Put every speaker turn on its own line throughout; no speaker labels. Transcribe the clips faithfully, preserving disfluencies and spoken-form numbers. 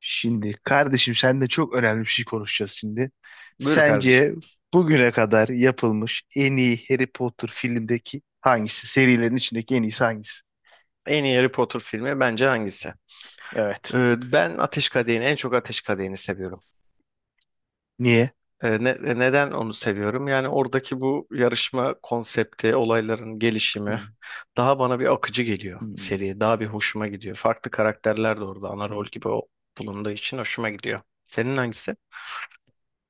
Şimdi kardeşim seninle çok önemli bir şey konuşacağız şimdi.
Buyur kardeşim.
Sence bugüne kadar yapılmış en iyi Harry Potter filmdeki hangisi? Serilerin içindeki en iyisi hangisi?
En iyi Harry Potter filmi bence hangisi?
Evet.
Ee, ben Ateş Kadehi'ni, en çok Ateş Kadehi'ni seviyorum.
Niye?
Ee, ne- e, neden onu seviyorum? Yani oradaki bu yarışma konsepti, olayların gelişimi
Hmm.
daha bana bir akıcı geliyor
Hmm.
seriye. Daha bir hoşuma gidiyor. Farklı karakterler de orada ana rol gibi o- bulunduğu için hoşuma gidiyor. Senin hangisi?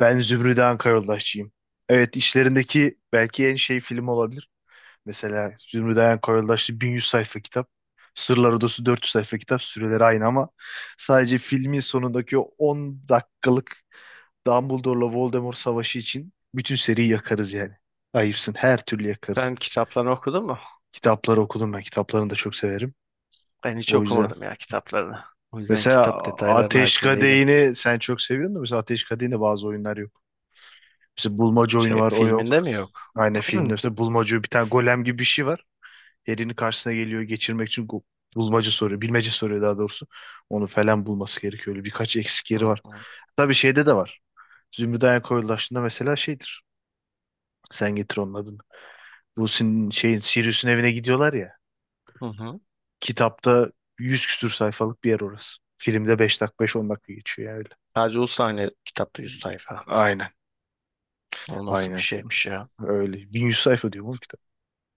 Ben Zümrüt Anka Yoldaşçıyım. Evet işlerindeki belki en şey film olabilir. Mesela Zümrüt Anka Yoldaşçı bin yüz sayfa kitap. Sırlar Odası dört yüz sayfa kitap. Süreleri aynı ama sadece filmin sonundaki o on dakikalık Dumbledore'la Voldemort savaşı için bütün seriyi yakarız yani. Ayıpsın. Her türlü yakarız.
Sen kitaplarını okudun mu?
Kitapları okudum ben. Kitaplarını da çok severim.
Ben hiç
O yüzden.
okumadım ya kitaplarını. O yüzden
Mesela
kitap detaylarına
Ateş
hakim değilim.
Kadehi'ni sen çok seviyordun da mesela Ateş Kadehi'nde bazı oyunlar yok. Mesela bulmaca oyunu
Şey,
var o yok.
filminde mi yok?
Aynı filmde
Hı
mesela bulmaca bir tane golem gibi bir şey var. Elini karşısına geliyor geçirmek için go- bulmaca soruyor. Bilmece soruyor daha doğrusu. Onu falan bulması gerekiyor. Öyle birkaç eksik yeri
hı.
var. Tabii şeyde de var. Zümrüt Dayan Koyulaşı'nda mesela şeydir. Sen getir onun adını. Bu sin şeyin Sirius'un evine gidiyorlar ya.
Hı hı.
Kitapta yüz küsür sayfalık bir yer orası. Filmde beş dakika beş on dakika geçiyor yani, öyle.
Sadece o sahne kitapta yüz sayfa.
Aynen.
O nasıl bir
Aynen.
şeymiş ya?
Öyle. bin yüz sayfa diyor bu kitap.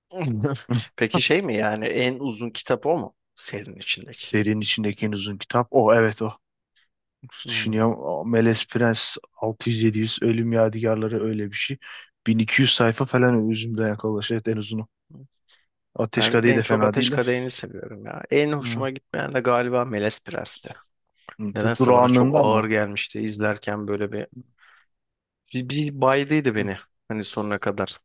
Peki şey mi yani en uzun kitap o mu serinin içindeki?
Serinin içindeki en uzun kitap. O evet o.
Hmm.
Düşünüyorum. O Melez Prens altı yüz yedi yüz, Ölüm Yadigarları öyle bir şey. bin iki yüz sayfa falan özümden yakalaş. Evet en uzunu. Ateş
Ben
Kadehi
en
de
çok
fena
Ateş
değil de.
Kadehi'ni seviyorum ya. En
Hı.
hoşuma gitmeyen de galiba Melez Prens'ti.
Bu
Nedense bana çok
durağanlığından
ağır
mı?
gelmişti izlerken böyle bir bir, bir baydıydı
Hı.
beni hani sonuna kadar.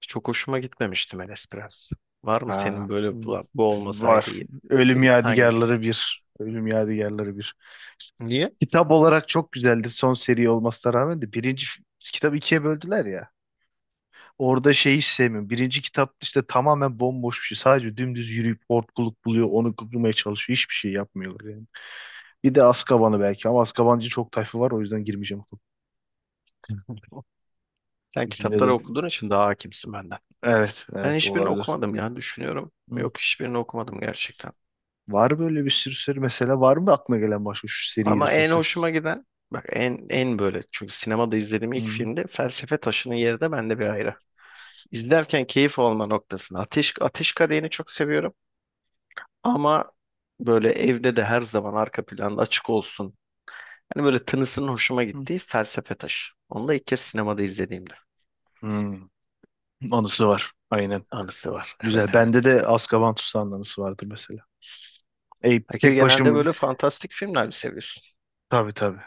Çok hoşuma gitmemişti Melez Prens. Var mı senin
Ha,
böyle
hmm,
"Ulan bu olmasaydı
var.
iyi-
Ölüm
iyi- hangisi?
Yadigarları bir. Ölüm Yadigarları bir.
Niye?
Kitap olarak çok güzeldir son seri olmasına rağmen de birinci f- kitabı ikiye böldüler ya. Orada şeyi hiç sevmiyorum. Birinci kitap işte tamamen bomboş bir şey. Sadece dümdüz yürüyüp hortkuluk buluyor. Onu kurmaya çalışıyor. Hiçbir şey yapmıyorlar yani. Bir de Azkaban'ı belki ama Azkabancı çok tayfı var o yüzden girmeyeceğim.
Sen kitapları
Düşünelim.
okuduğun için daha hakimsin benden.
Evet,
Ben
evet
hiçbirini
olabilir.
okumadım ya düşünüyorum.
Hı.
Yok hiçbirini okumadım gerçekten.
Var böyle bir sürü seri mesela var mı aklına gelen başka şu seriyi de
Ama
çok
en
sev.
hoşuma giden bak en en böyle çünkü sinemada izlediğim ilk
Hı.
filmde Felsefe Taşı'nın yeri de bende bir ayrı. İzlerken keyif alma noktasında Ateş Ateş Kadehi'ni çok seviyorum ama böyle evde de her zaman arka planda açık olsun. Hani böyle tınısının hoşuma
Hı.
gittiği Felsefe Taşı. Onu da ilk kez sinemada izlediğimde
Hı. Anısı var. Aynen.
anısı var.
Güzel.
Evet, evet.
Bende de Azkaban Tutsağı'nın anısı vardır mesela. E,
Peki
tek
genelde
başım
böyle fantastik filmler mi seviyorsun?
tabii tabii.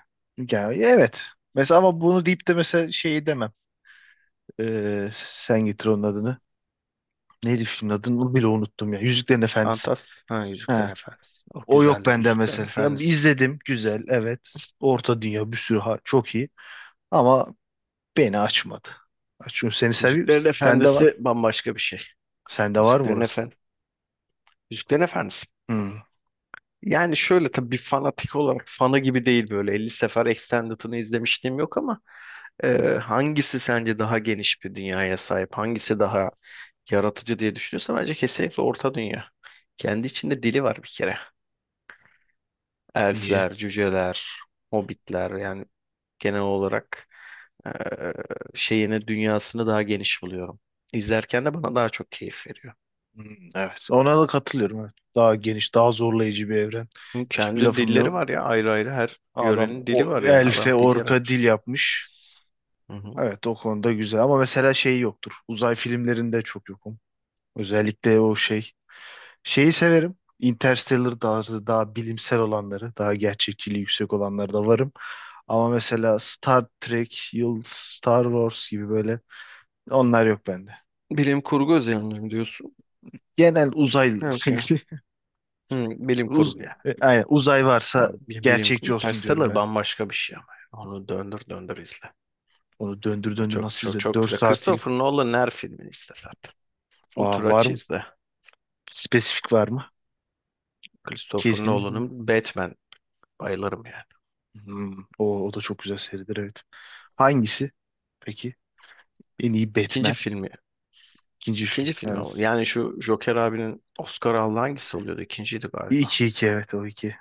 Yani, evet. Mesela ama bunu deyip de mesela şeyi demem. Ee, sen getir onun adını. Neydi filmin adını bile unuttum ya. Yüzüklerin Efendisi.
Fantastik. Ha, Yüzüklerin
Ha.
Efendisi. Oh,
O yok
güzeldir
bende
Yüzüklerin
mesela. Ya
Efendisi.
izledim. Güzel. Evet. Orta Dünya bir sürü ha- çok iyi. Ama beni açmadı. Çünkü seni seviyor.
Yüzüklerin
Sende
Efendisi
var.
bambaşka bir şey.
Sende var mı
Yüzüklerin
orası?
Efendisi. Yüzüklerin Efendisi.
Hmm.
Yani şöyle tabii bir fanatik olarak fanı gibi değil, böyle elli sefer Extended'ını izlemişliğim yok ama e, hangisi sence daha geniş bir dünyaya sahip? Hangisi daha yaratıcı diye düşünüyorsan bence kesinlikle Orta Dünya. Kendi içinde dili var bir kere.
Niye?
Elfler, cüceler, hobbitler yani genel olarak e, şeyini dünyasını daha geniş buluyorum. İzlerken de bana daha çok keyif veriyor.
Hmm, evet. Ona da katılıyorum. Evet. Daha geniş, daha zorlayıcı bir evren.
Hı,
Hiçbir
kendi
lafım
dilleri
yok.
var ya, ayrı ayrı her
Adam
yörenin dili
o
var, yani adam
elfe,
dil
orka dil
yaratmış.
yapmış.
Hı hı.
Evet, o konuda güzel ama mesela şey yoktur. Uzay filmlerinde çok yokum. Özellikle o şey. Şeyi severim. Interstellar tarzı daha bilimsel olanları, daha gerçekçiliği yüksek olanları da varım. Ama mesela Star Trek, Yıl Star Wars gibi böyle onlar yok bende.
Bilim kurgu üzerine mi diyorsun?
Genel uzay,
Yok ya. Hı, bilim
uz,
kurgu ya.
e, aynen, uzay varsa
Tamam, bi- bilim,
gerçekçi olsun diyorum
Interstellar
ya.
bambaşka bir şey ama. Yani. Onu döndür döndür izle.
Onu döndür
O
döndür
çok
nasıl
çok
izle?
çok
Dört
güzel.
saat film.
Christopher Nolan'ın her filmini izle zaten. Otur,
Aa, var
aç,
mı?
izle.
Spesifik var mı?
Christopher
Kesin.
Nolan'ın Batman, bayılırım yani.
Hmm, o, o da çok güzel seridir evet. Hangisi? Peki. En iyi
İkinci
Batman.
filmi.
İkinci film.
İkinci filmi o.
Evet.
Yani şu Joker abinin Oscar aldığı hangisi oluyordu? İkinciydi galiba.
İki iki evet o iki.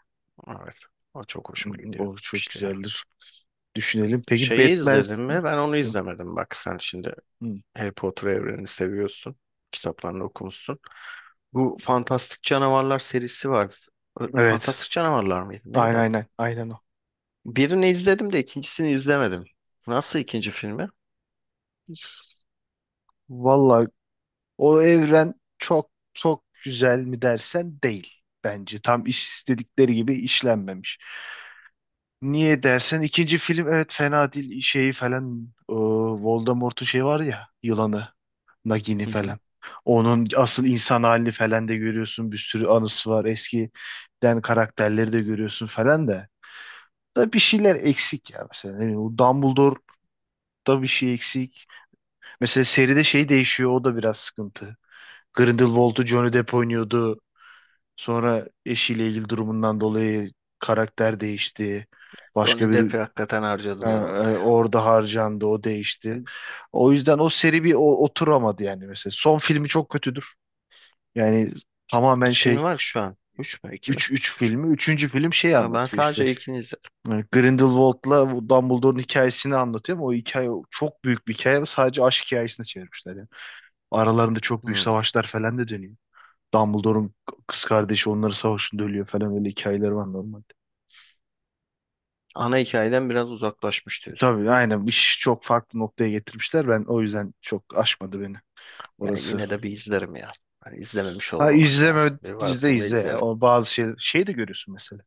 Evet. O çok hoşuma
Hmm,
gidiyor
o çok
işte ya.
güzeldir. Düşünelim. Peki
Şeyi
Batman.
izledin mi? Ben onu
Hmm,
izlemedim. Bak sen şimdi
hmm.
Harry Potter evrenini seviyorsun. Kitaplarını okumuşsun. Bu Fantastik Canavarlar serisi vardı. Ö-
Evet.
Fantastik Canavarlar mıydı? Neydi.
Aynen aynen. Aynen o.
Birini izledim de ikincisini izlemedim. Nasıl ikinci filmi?
Vallahi o evren çok çok güzel mi dersen değil. Bence tam iş istedikleri gibi işlenmemiş. Niye dersen ikinci film evet fena değil şeyi falan, e, Voldemort'un şey var ya yılanı Nagini
Hı hı.
falan. Onun asıl insan halini falan da görüyorsun bir sürü anısı var eskiden karakterleri de görüyorsun falan da. Da bir şeyler eksik ya mesela ne bileyim, o Dumbledore'da bir şey eksik. Mesela seride şey değişiyor o da biraz sıkıntı. Grindelwald'u Johnny Depp oynuyordu. Sonra eşiyle ilgili durumundan dolayı karakter değişti.
Johnny
Başka bir
Depp'i hakikaten
Ee,
harcadılar orada
e,
ya.
orada harcandı, o değişti. O yüzden o seri bir o- oturamadı yani mesela. Son filmi çok kötüdür. Yani tamamen
Üç filmi
şey
var ki şu an. Üç mü? İki mi?
üç üç
Üç mü?
filmi. Üçüncü film şey
Ya ben
anlatıyor işte.
sadece ilkini izledim.
e, Grindelwald'la bu Dumbledore'un hikayesini anlatıyor ama o hikaye çok büyük bir hikaye ve sadece aşk hikayesine çevirmişler yani. Aralarında çok büyük
Hı.
savaşlar falan da dönüyor. Dumbledore'un kız kardeşi onları savaşında ölüyor falan, öyle hikayeler var normalde.
Ana hikayeden biraz uzaklaşmış
E,
diyorsun.
Tabii aynen iş çok farklı noktaya getirmişler. Ben o yüzden çok aşmadı beni
Yani
orası.
yine de bir izlerim ya. Hani izlememiş
Ha
olmamak lazım.
izleme
Bir
izle
vaktimde
izle ya.
izlerim.
O bazı şey şey de görüyorsun mesela.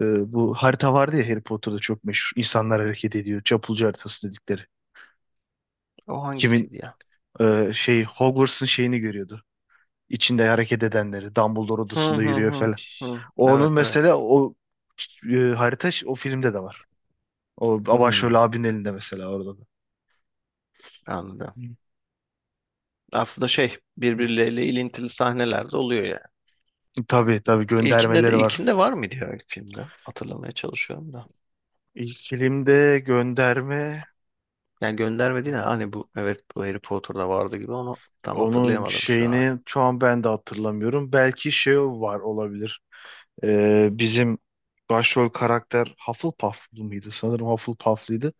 Ee, bu harita vardı ya, Harry Potter'da çok meşhur. İnsanlar hareket ediyor. Çapulcu haritası dedikleri.
O
Kimin
hangisiydi ya?
e, şey, Hogwarts'ın şeyini görüyordu. İçinde hareket edenleri. Dumbledore
Hı
odasında
hı
yürüyor
hı.
falan.
Hı.
Onun
Evet, evet.
mesela o e, harita ş- o filmde de var. O
Hı,
başrol abinin elinde mesela orada da.
anladım.
Hı.
Aslında şey, birbirleriyle ilintili sahneler de oluyor yani.
Tabii tabii
İlkinde de
göndermeleri var.
ilkinde var mıydı ya ilk filmde? Hatırlamaya çalışıyorum da.
İlk filmde gönderme.
Yani gönderme değil de hani bu, evet, bu Harry Potter'da vardı gibi, onu tam
Onun
hatırlayamadım şu an.
şeyini şu an ben de hatırlamıyorum. Belki şey var olabilir. Ee, bizim başrol karakter Hufflepuff'lu mıydı? Sanırım Hufflepuff'lıydı.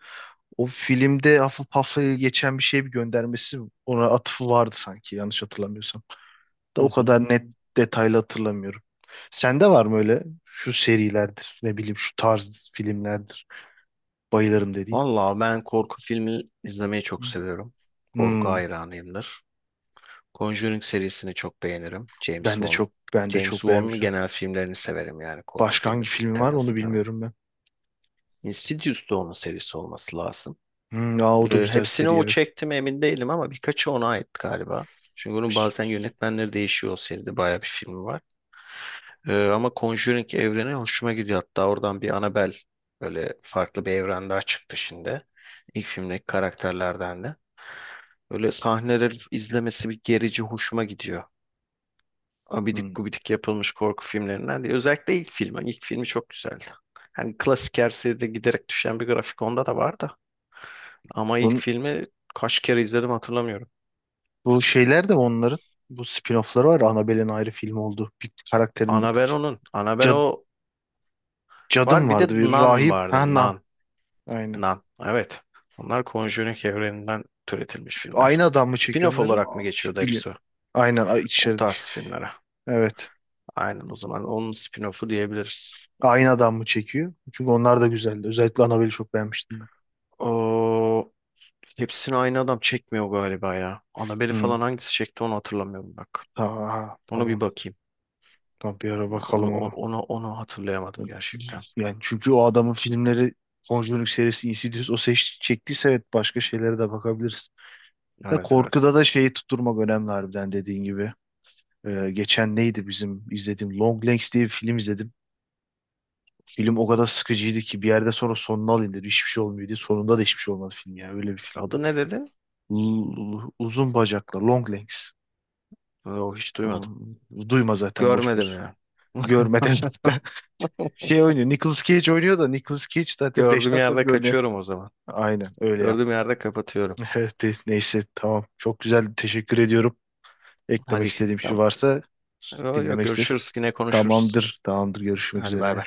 O filmde Hufflepuff'la geçen bir şey bir göndermesi, ona atıfı vardı sanki yanlış hatırlamıyorsam. Da
Hı
o
hı.
kadar net detaylı hatırlamıyorum. Sende var mı öyle şu serilerdir ne bileyim şu tarz filmlerdir bayılırım dediğin?
Vallahi ben korku filmi izlemeyi çok seviyorum. Korku
Hmm,
hayranıyımdır. Conjuring serisini çok beğenirim. James
ben de
Wan.
çok ben de
James
çok
Wan'ın
beğenmiştim.
genel filmlerini severim yani korku
Başka
filmi
hangi filmi var onu
temasını.
bilmiyorum ben.
Insidious da onun serisi olması lazım.
Hmm, aa, o da
Ee,
güzel
hepsini
seri
o
evet.
çekti mi emin değilim ama birkaçı ona ait galiba. Çünkü onun
Piş.
bazen yönetmenleri değişiyor, o seride bayağı bir filmi var. Ee, ama Conjuring evreni hoşuma gidiyor. Hatta oradan bir Annabelle, böyle farklı bir evren daha çıktı şimdi. İlk filmdeki karakterlerden de. Böyle sahneleri izlemesi bir gerici hoşuma gidiyor. Abidik
Hmm.
gubidik yapılmış korku filmlerinden değil. Özellikle ilk filmi. İlk filmi çok güzeldi. Hani klasik her seride giderek düşen bir grafik, onda da var da. Ama ilk
Bun-
filmi kaç kere izledim hatırlamıyorum.
bu şeyler de onların bu spin-off'ları var. Annabelle'in ayrı film oldu. Bir karakterin
Annabelle onun. Annabelle
cad,
o
cadım
var. Bir de
vardı. Bir
Nun
rahip. Ha,
vardı.
Nan.
Nun.
Aynen.
Nun. Evet. Onlar Conjuring evreninden türetilmiş filmler.
Aynı adam mı çekiyor
Spin-off
onları?
olarak mı geçiyordu
Biliyorum.
hepsi?
Aynen a-
O
içerdik.
tarz filmlere.
Evet.
Aynen, o zaman onun spin-off'u diyebiliriz.
Aynı adam mı çekiyor? Çünkü onlar da güzeldi. Özellikle Annabelle'i çok beğenmiştim ben.
O hepsini aynı adam çekmiyor galiba ya. Annabelle
Hmm.
falan hangisi çekti onu hatırlamıyorum bak.
Aa,
Ona bir
tamam.
bakayım.
Tamam bir ara
Onu
bakalım
on-
ona.
onu onu hatırlayamadım gerçekten.
Yani çünkü o adamın filmleri Conjuring serisi, Insidious o seç, çektiyse evet başka şeylere de bakabiliriz. Da
Evet, evet.
korkuda da şeyi tutturmak önemli harbiden dediğin gibi. Ee, geçen neydi bizim izlediğim Long Legs diye bir film izledim. Film o kadar sıkıcıydı ki bir yerde sonra sonunu alayım dedim. Hiçbir şey olmuyor diye. Sonunda da hiçbir şey olmadı film ya. Öyle bir filmdi.
Adı ne dedi?
L- uzun bacaklar, Long Legs.
O hiç duymadım.
Hmm, duyma zaten boş
Görmedim
ver.
ya.
Görmeden zaten. Şey oynuyor. Nicolas Cage oynuyor da Nicolas Cage zaten beş
Gördüğüm
dakika
yerde
görünüyor.
kaçıyorum o zaman.
Aynen öyle.
Gördüğüm yerde kapatıyorum.
Evet, de- neyse tamam. Çok güzel. Teşekkür ediyorum. Eklemek
Hadi.
istediğim şey
Tamam.
varsa
Yok, yok,
dinlemek isterim.
görüşürüz, yine konuşuruz.
Tamamdır. Tamamdır. Görüşmek
Hadi bay
üzere.
bay.